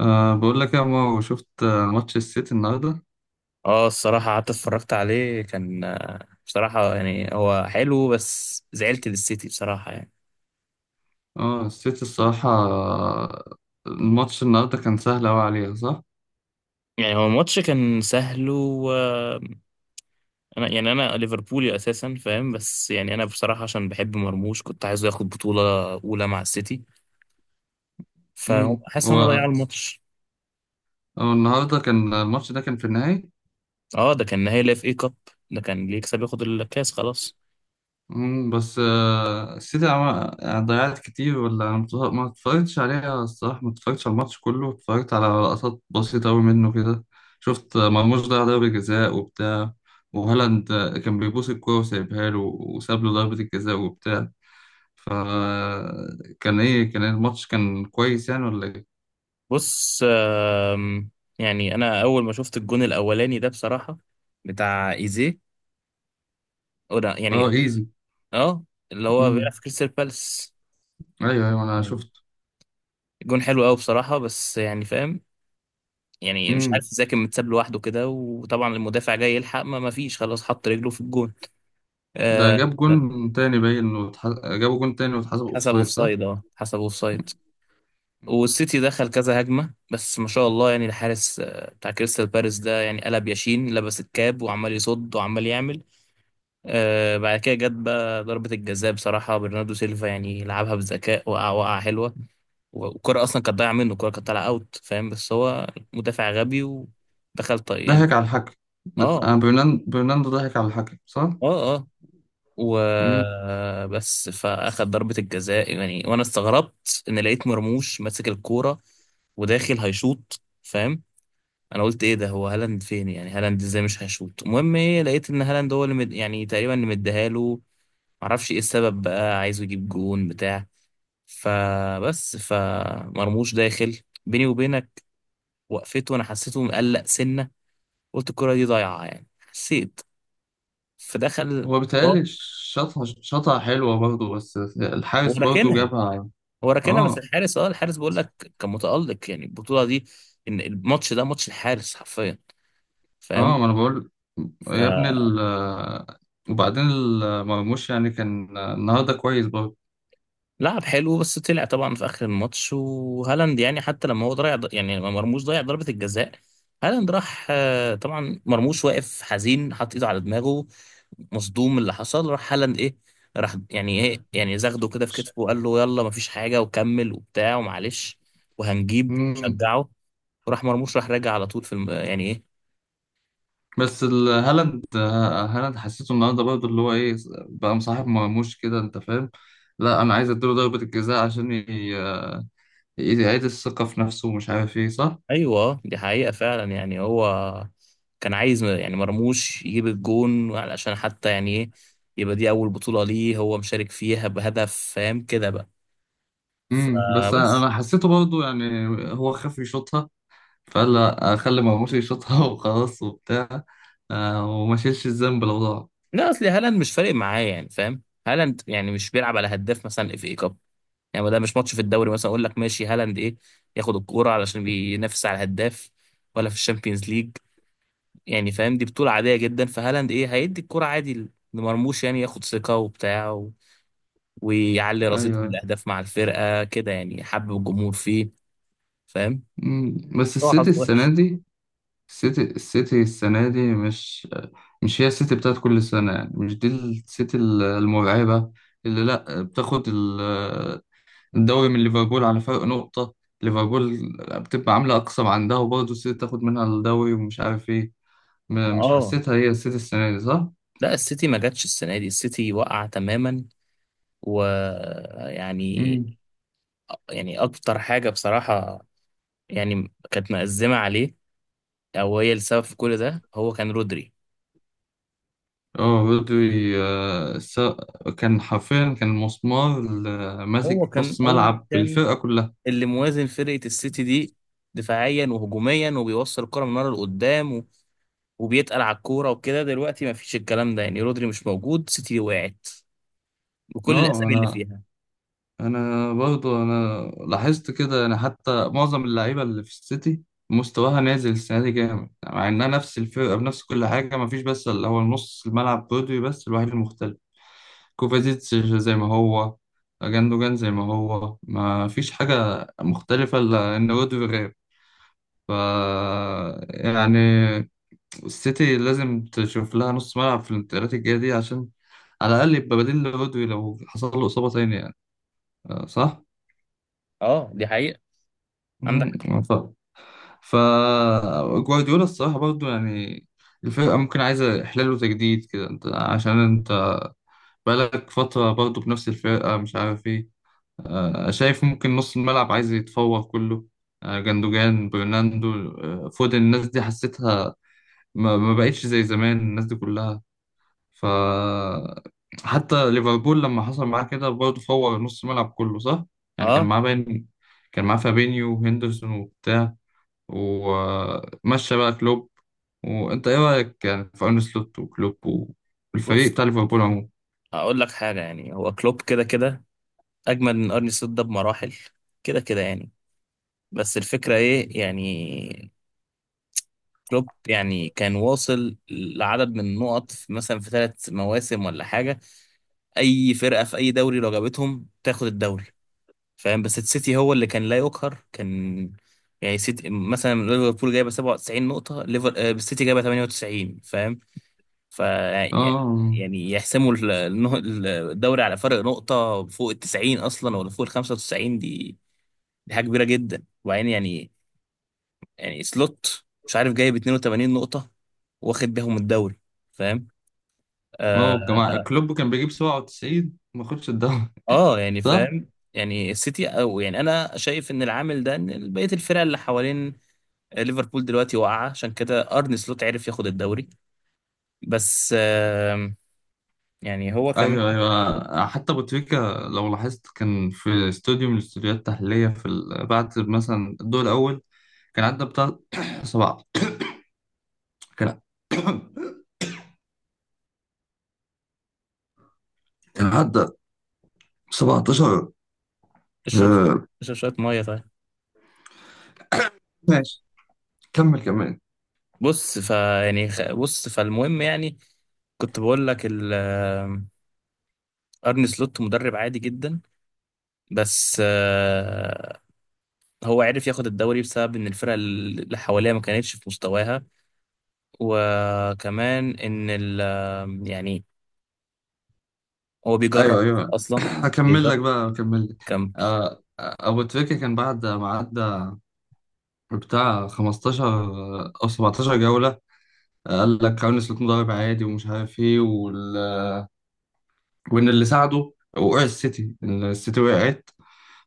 بقول لك يا مو، شفت ماتش السيتي النهارده؟ اه الصراحة قعدت اتفرجت عليه كان بصراحة يعني هو حلو بس زعلت للسيتي بصراحة يعني. اه السيتي الصراحة الماتش النهارده كان سهل أوي عليها، صح؟ يعني هو الماتش كان سهل و انا يعني انا ليفربولي اساسا فاهم، بس يعني انا بصراحة عشان بحب مرموش كنت عايزه ياخد بطولة اولى مع السيتي، فهم حاسس ان هو هم ضيعوا الماتش. هو النهارده كان الماتش ده كان في النهائي. اه ده كان نهائي لاف اي كاب، ده كان اللي يكسب ياخد الكاس خلاص. بس السيتي عمل يعني ضيعت كتير، ولا أنا ما اتفرجتش عليها. الصراحة ما اتفرجتش على الماتش كله، اتفرجت على لقطات بسيطة أوي منه كده. شفت مرموش ضيع ضربة جزاء وبتاع. وهالاند كان بيبوس الكورة وسايبها له، وساب له ضربة الجزاء وبتاع. فكان ايه؟ كان الماتش كان كويس يعني، ولا ايه؟ بص، آم، يعني انا اول ما شفت الجون الاولاني ده بصراحة بتاع ايزيه أو ده اه، يعني، ايزي. اه اللي هو بيلعب امم، في كريستال بالاس. ايوه ايوه، انا أيوة. شفت. الجون حلو قوي بصراحة بس يعني فاهم، يعني مش عارف امم ازاي كان متساب لوحده كده، وطبعا المدافع جاي يلحق ما فيش، خلاص حط رجله في الجون. ده آه جاب جون تاني باين جابوا جون تاني واتحسب حسب اوفسايد، صح؟ اوفسايد، اه حسب اوفسايد. مم. والسيتي دخل كذا هجمة بس ما شاء الله يعني الحارس بتاع كريستال بالاس ده يعني قلب ياشين، لبس الكاب وعمال يصد وعمال يعمل. بعد كده جت بقى ضربة الجزاء، بصراحة برناردو سيلفا يعني لعبها بذكاء، وقع وقع حلوة. والكرة أصلا كانت ضايعة منه، الكرة كانت طالعة أوت فاهم، بس هو مدافع غبي ودخل طيب يعني. ضحك على الحكم. اه برناندو ضحك على الحكم، صح؟ اه اه. امم وبس فأخد ضربة الجزاء يعني، وأنا استغربت إن لقيت مرموش ماسك الكورة وداخل هيشوط فاهم. انا قلت ايه ده، هو هالاند فين؟ يعني هالاند ازاي مش هيشوط؟ المهم ايه، لقيت ان هالاند هو اللي يعني تقريبا اللي مديها له، معرفش ايه السبب بقى، عايزه يجيب جون بتاع. فبس، فمرموش داخل بيني وبينك، وقفته وانا حسيته مقلق سنه، قلت الكره دي ضايعه يعني، حسيت. فدخل هو شاط، بيتهيألي شاطها، شاطها حلوة برضه بس هو الحارس برضه راكنها، جابها. هو راكنها بس اه الحارس، اه الحارس بقول لك كان متالق يعني البطوله دي، ان الماتش ده ماتش الحارس حرفيا اه، فاهم. ما انا بقول. يا ابني وبعدين مرموش يعني كان النهارده كويس برضه. لعب حلو بس طلع طبعا في اخر الماتش، وهالاند يعني حتى لما هو ضيع، يعني لما مرموش ضيع ضربة الجزاء، هالاند راح طبعا مرموش واقف حزين حاطط ايده على دماغه، مصدوم من اللي حصل، راح هالاند ايه، راح يعني ايه، يعني زغده كده في كتفه، وقال له يلا مفيش حاجة وكمل وبتاع ومعلش وهنجيب مم. شجعه. وراح مرموش راح راجع على طول في يعني ايه. بس هالاند هالاند حسيته النهارده برضه اللي هو ايه، بقى مصاحب مرموش كده، انت فاهم. لا، انا عايز اديله ضربة الجزاء عشان يعيد الثقة في نفسه ومش عارف ايه، صح؟ ايوه دي حقيقة فعلا يعني، هو كان عايز يعني مرموش يجيب الجون علشان حتى يعني ايه، يبقى دي اول بطولة ليه هو مشارك فيها بهدف، فاهم كده بقى بس انا فبس. أنا حسيته برضه يعني، هو خاف يشوطها، فقال لا، اخلي مرموش يشوطها وخلاص وبتاع. وما شيلش الذنب لو ضاع. لا اصل هالاند مش فارق معاه يعني فاهم، هالاند يعني مش بيلعب على هداف مثلا، اف اي كاب يعني، ما ده مش ماتش في الدوري مثلا اقول لك ماشي هالاند ايه ياخد الكورة علشان بينافس على الهداف، ولا في الشامبيونز ليج، يعني فاهم دي بطولة عادية جدا، فهالاند ايه هيدي الكورة عادي لمرموش، يعني ياخد ثقة وبتاع ويعلي ايوه، رصيد أيوة. الاهداف مع الفرقه كده، يعني حب الجمهور فيه فاهم. بس هو السيتي حظ وحش. السنة دي، السيتي السيتي السنة دي مش، مش هي السيتي بتاعت كل سنة يعني. مش دي السيتي المرعبة اللي لأ بتاخد الدوري من ليفربول على فرق نقطة. ليفربول بتبقى عاملة أقصى ما عندها وبرضه السيتي تاخد منها الدوري ومش عارف إيه. مش اه، حسيتها هي السيتي السنة دي، صح؟ لا السيتي ما جاتش السنه دي، السيتي وقع تماما ويعني، مم. يعني اكتر حاجه بصراحه يعني كانت مأزمه عليه، او هي السبب في كل ده، هو كان رودري. اه، رودري كان حرفيا كان مسمار هو ماسك كان نص هو ملعب كان الفرقة كلها. اللي موازن فرقه السيتي دي، دفاعيا وهجوميا، وبيوصل الكره من ورا لقدام وبيتقل على الكوره وكده، دلوقتي ما فيش الكلام ده، يعني رودري مش موجود، سيتي وقعت بكل اه، الاسامي اللي انا فيها. انا برضو انا لاحظت كده، يعني حتى معظم اللعيبه اللي في السيتي مستواها نازل السنه دي جامد يعني. مع انها نفس الفرقه بنفس كل حاجه، ما فيش بس اللي هو نص الملعب برودري بس الوحيد المختلف. كوفازيتش زي ما هو، جاندوجان زي ما هو، ما فيش حاجه مختلفه الا ان رودري غاب. ف يعني، السيتي لازم تشوف لها نص ملعب في الانتقالات الجايه دي عشان على الاقل يبقى بديل لرودري لو حصل له اصابه تانية يعني. صح؟ اه دي حقيقة عندك. مم، فجوارديولا الصراحة برضو يعني الفرقة ممكن عايزة إحلال وتجديد كده. أنت عشان أنت بقالك فترة برضو بنفس الفرقة، مش عارف إيه. شايف ممكن نص الملعب عايز يتفور كله. جندوجان، برناندو، فودن، الناس دي حسيتها ما بقتش زي زمان، الناس دي كلها. ف حتى ليفربول لما حصل معاه كده برضه فور نص الملعب كله، صح؟ يعني كان اه معاه باين، كان معاه فابينيو وهندرسون وبتاع، ومشى بقى كلوب. وانت ايه رايك يعني في ارن سلوت وكلوب بص، والفريق بتاع ليفربول عموما؟ هقول لك حاجة يعني، هو كلوب كده كده اجمل من ارني سلوت ده بمراحل، كده كده يعني. بس الفكرة ايه يعني، كلوب يعني كان واصل لعدد من النقط مثلا في ثلاث مواسم ولا حاجة، اي فرقة في اي دوري لو جابتهم تاخد الدوري فاهم، بس السيتي هو اللي كان لا يقهر، كان يعني سيتي مثلا، ليفربول جايبه 97 نقطة، ليفر آه، السيتي جايبه 98 فاهم، ف اه يعني يحسموا الدوري على فرق نقطة فوق ال 90 أصلا، ولا فوق ال 95، دي دي حاجة كبيرة جدا، وبعدين يعني، يعني سلوت مش عارف جايب 82 نقطة واخد بيهم الدوري فاهم. آه, اه، جماعة كلوب كان بيجيب 97 ما خدش الدوري يعني صح؟ فاهم، يعني السيتي، أو يعني أنا شايف إن العامل ده، إن بقية الفرق اللي حوالين ليفربول دلوقتي واقعة، عشان كده أرن سلوت عرف ياخد الدوري. بس يعني هو كمان. ايوه ايوه، حتى ابو تريكة لو لاحظت كان في استوديو من الاستوديوهات التحليليه في بعد مثلا الدور الاول كان عدى بتاع سبعة. كان كان عدى 17. اشرب، آه، اشرب شوية مية طيب. ماشي، كمل كمان. بص فالمهم يعني كنت بقول لك ارني سلوت مدرب عادي جدا، بس هو عرف ياخد الدوري بسبب ان الفرق اللي حواليه ما كانتش في مستواها، وكمان ان ال آه، يعني هو بيجرب ايوه ايوه، اصلا، بيجرب هكمل لك. كم. ابو تريكة كان بعد ما عدى بتاع 15 او 17 جولة. قال لك كارلوس سلوت مدرب عادي ومش عارف ايه وان اللي ساعده وقع السيتي، إن السيتي وقعت،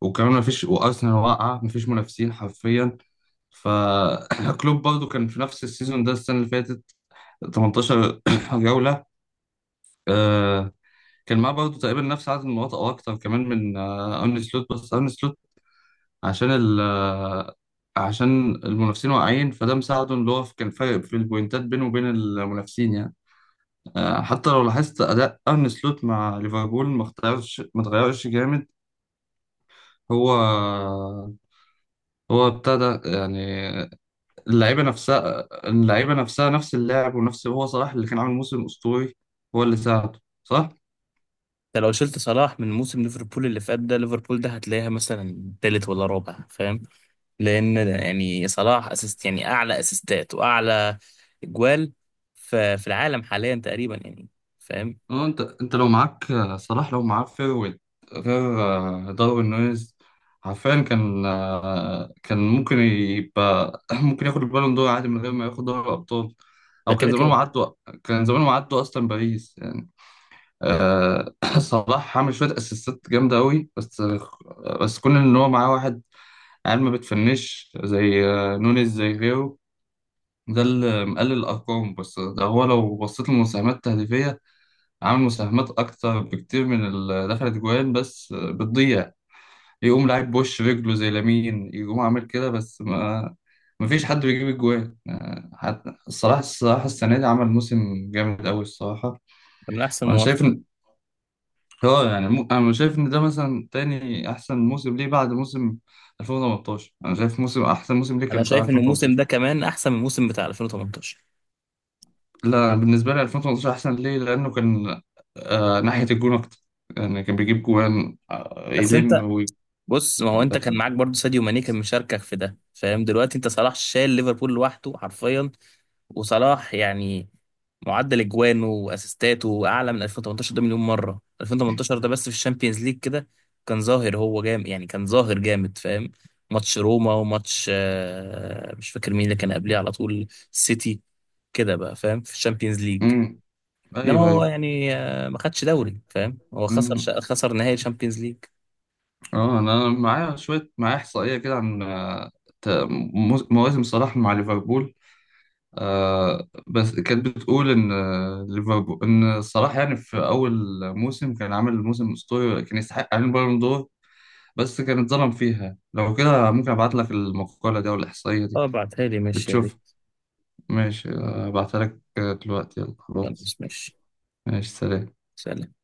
وكمان مفيش وارسنال واقعة، مفيش منافسين حرفيا. فكلوب برضو كان في نفس السيزون ده السنة اللي فاتت 18 جولة. آه، كان معاه برضو تقريبا نفس عدد النقاط او اكتر كمان من ارن سلوت. بس ارن سلوت عشان ال عشان المنافسين واقعين، فده مساعده، اللي هو كان فارق في البوينتات بينه وبين المنافسين يعني. حتى لو لاحظت اداء ارن سلوت مع ليفربول ما اختارش، ما اتغيرش جامد. هو هو ابتدى يعني اللعيبه نفسها، اللعيبه نفسها، نفس اللاعب. ونفس، هو صلاح اللي كان عامل موسم اسطوري، هو اللي ساعده صلاح. انت لو شلت صلاح من موسم ليفربول اللي فات ده، ليفربول ده هتلاقيها مثلا تالت ولا رابع فاهم. لان يعني صلاح اسيست يعني اعلى اسيستات واعلى اجوال في العالم حاليا تقريبا يعني فاهم. اه، انت لو معاك صلاح، لو معاه فيرويد، غير داروين نونيز، عارفين كان كان ممكن يبقى ممكن ياخد البالون دور عادي من غير ما ياخد دوري الابطال. ده او كان كده زمانهم كده عدوا، كان زمانهم عدوا اصلا باريس يعني. صلاح عمل شويه اسيستات جامده قوي بس، بس كون ان هو معاه واحد عيال ما بتفنش زي نونيز زي غيره، ده اللي مقلل الارقام. بس ده هو لو بصيت للمساهمات التهديفيه، عامل مساهمات أكتر بكتير من اللي دخلت جوان بس بتضيع. يقوم لعيب بوش رجله زي لامين، يقوم عامل كده، بس ما مفيش حد بيجيب الجوان. حتى الصراحة، الصراحة السنة دي عمل موسم جامد أوي الصراحة. من احسن وأنا مواسم. شايف إن هو يعني أنا شايف إن ده مثلا تاني أحسن موسم ليه بعد موسم 2018. أنا شايف موسم، أحسن موسم ليه انا كان بتاع شايف ان الموسم 2018. ده كمان احسن من الموسم بتاع 2018. لا، بالنسبة لي 2018 أحسن ليه، لأنه كان ناحية الجون أكتر، يعني كان بيجيب جوان بس انت يلم. بص، ما هو ده انت كان فهم. معاك برضو ساديو ماني كان مشاركك في ده فاهم، دلوقتي انت صلاح شايل ليفربول لوحده حرفيا. وصلاح يعني معدل اجوانه واسيستاته اعلى من 2018 ده مليون مره، 2018 ده بس في الشامبيونز ليج كده كان ظاهر هو جامد يعني، كان ظاهر جامد فاهم. ماتش روما وماتش مش فاكر مين اللي كان قبليه على طول، السيتي كده بقى فاهم في الشامبيونز ليج، امم، انما ايوه هو ايوه. يعني ما خدش دوري فاهم، هو امم، خسر نهائي الشامبيونز ليج. اه، انا معايا شويه، معايا احصائيه كده عن مواسم صلاح مع ليفربول. آه، بس كانت بتقول ان ليفربول، ان صلاح يعني في اول موسم كان عامل موسم اسطوري كان يستحق عليه البالون دور، بس كان اتظلم فيها. لو كده ممكن ابعت لك المقاله دي او الاحصائيه دي اه بعتها لي ماشي يا بتشوف. ريت. ماشي، ابعتها لك دلوقتي. يلا خلاص. خلاص ماشي. ماشي، سلام. سلام.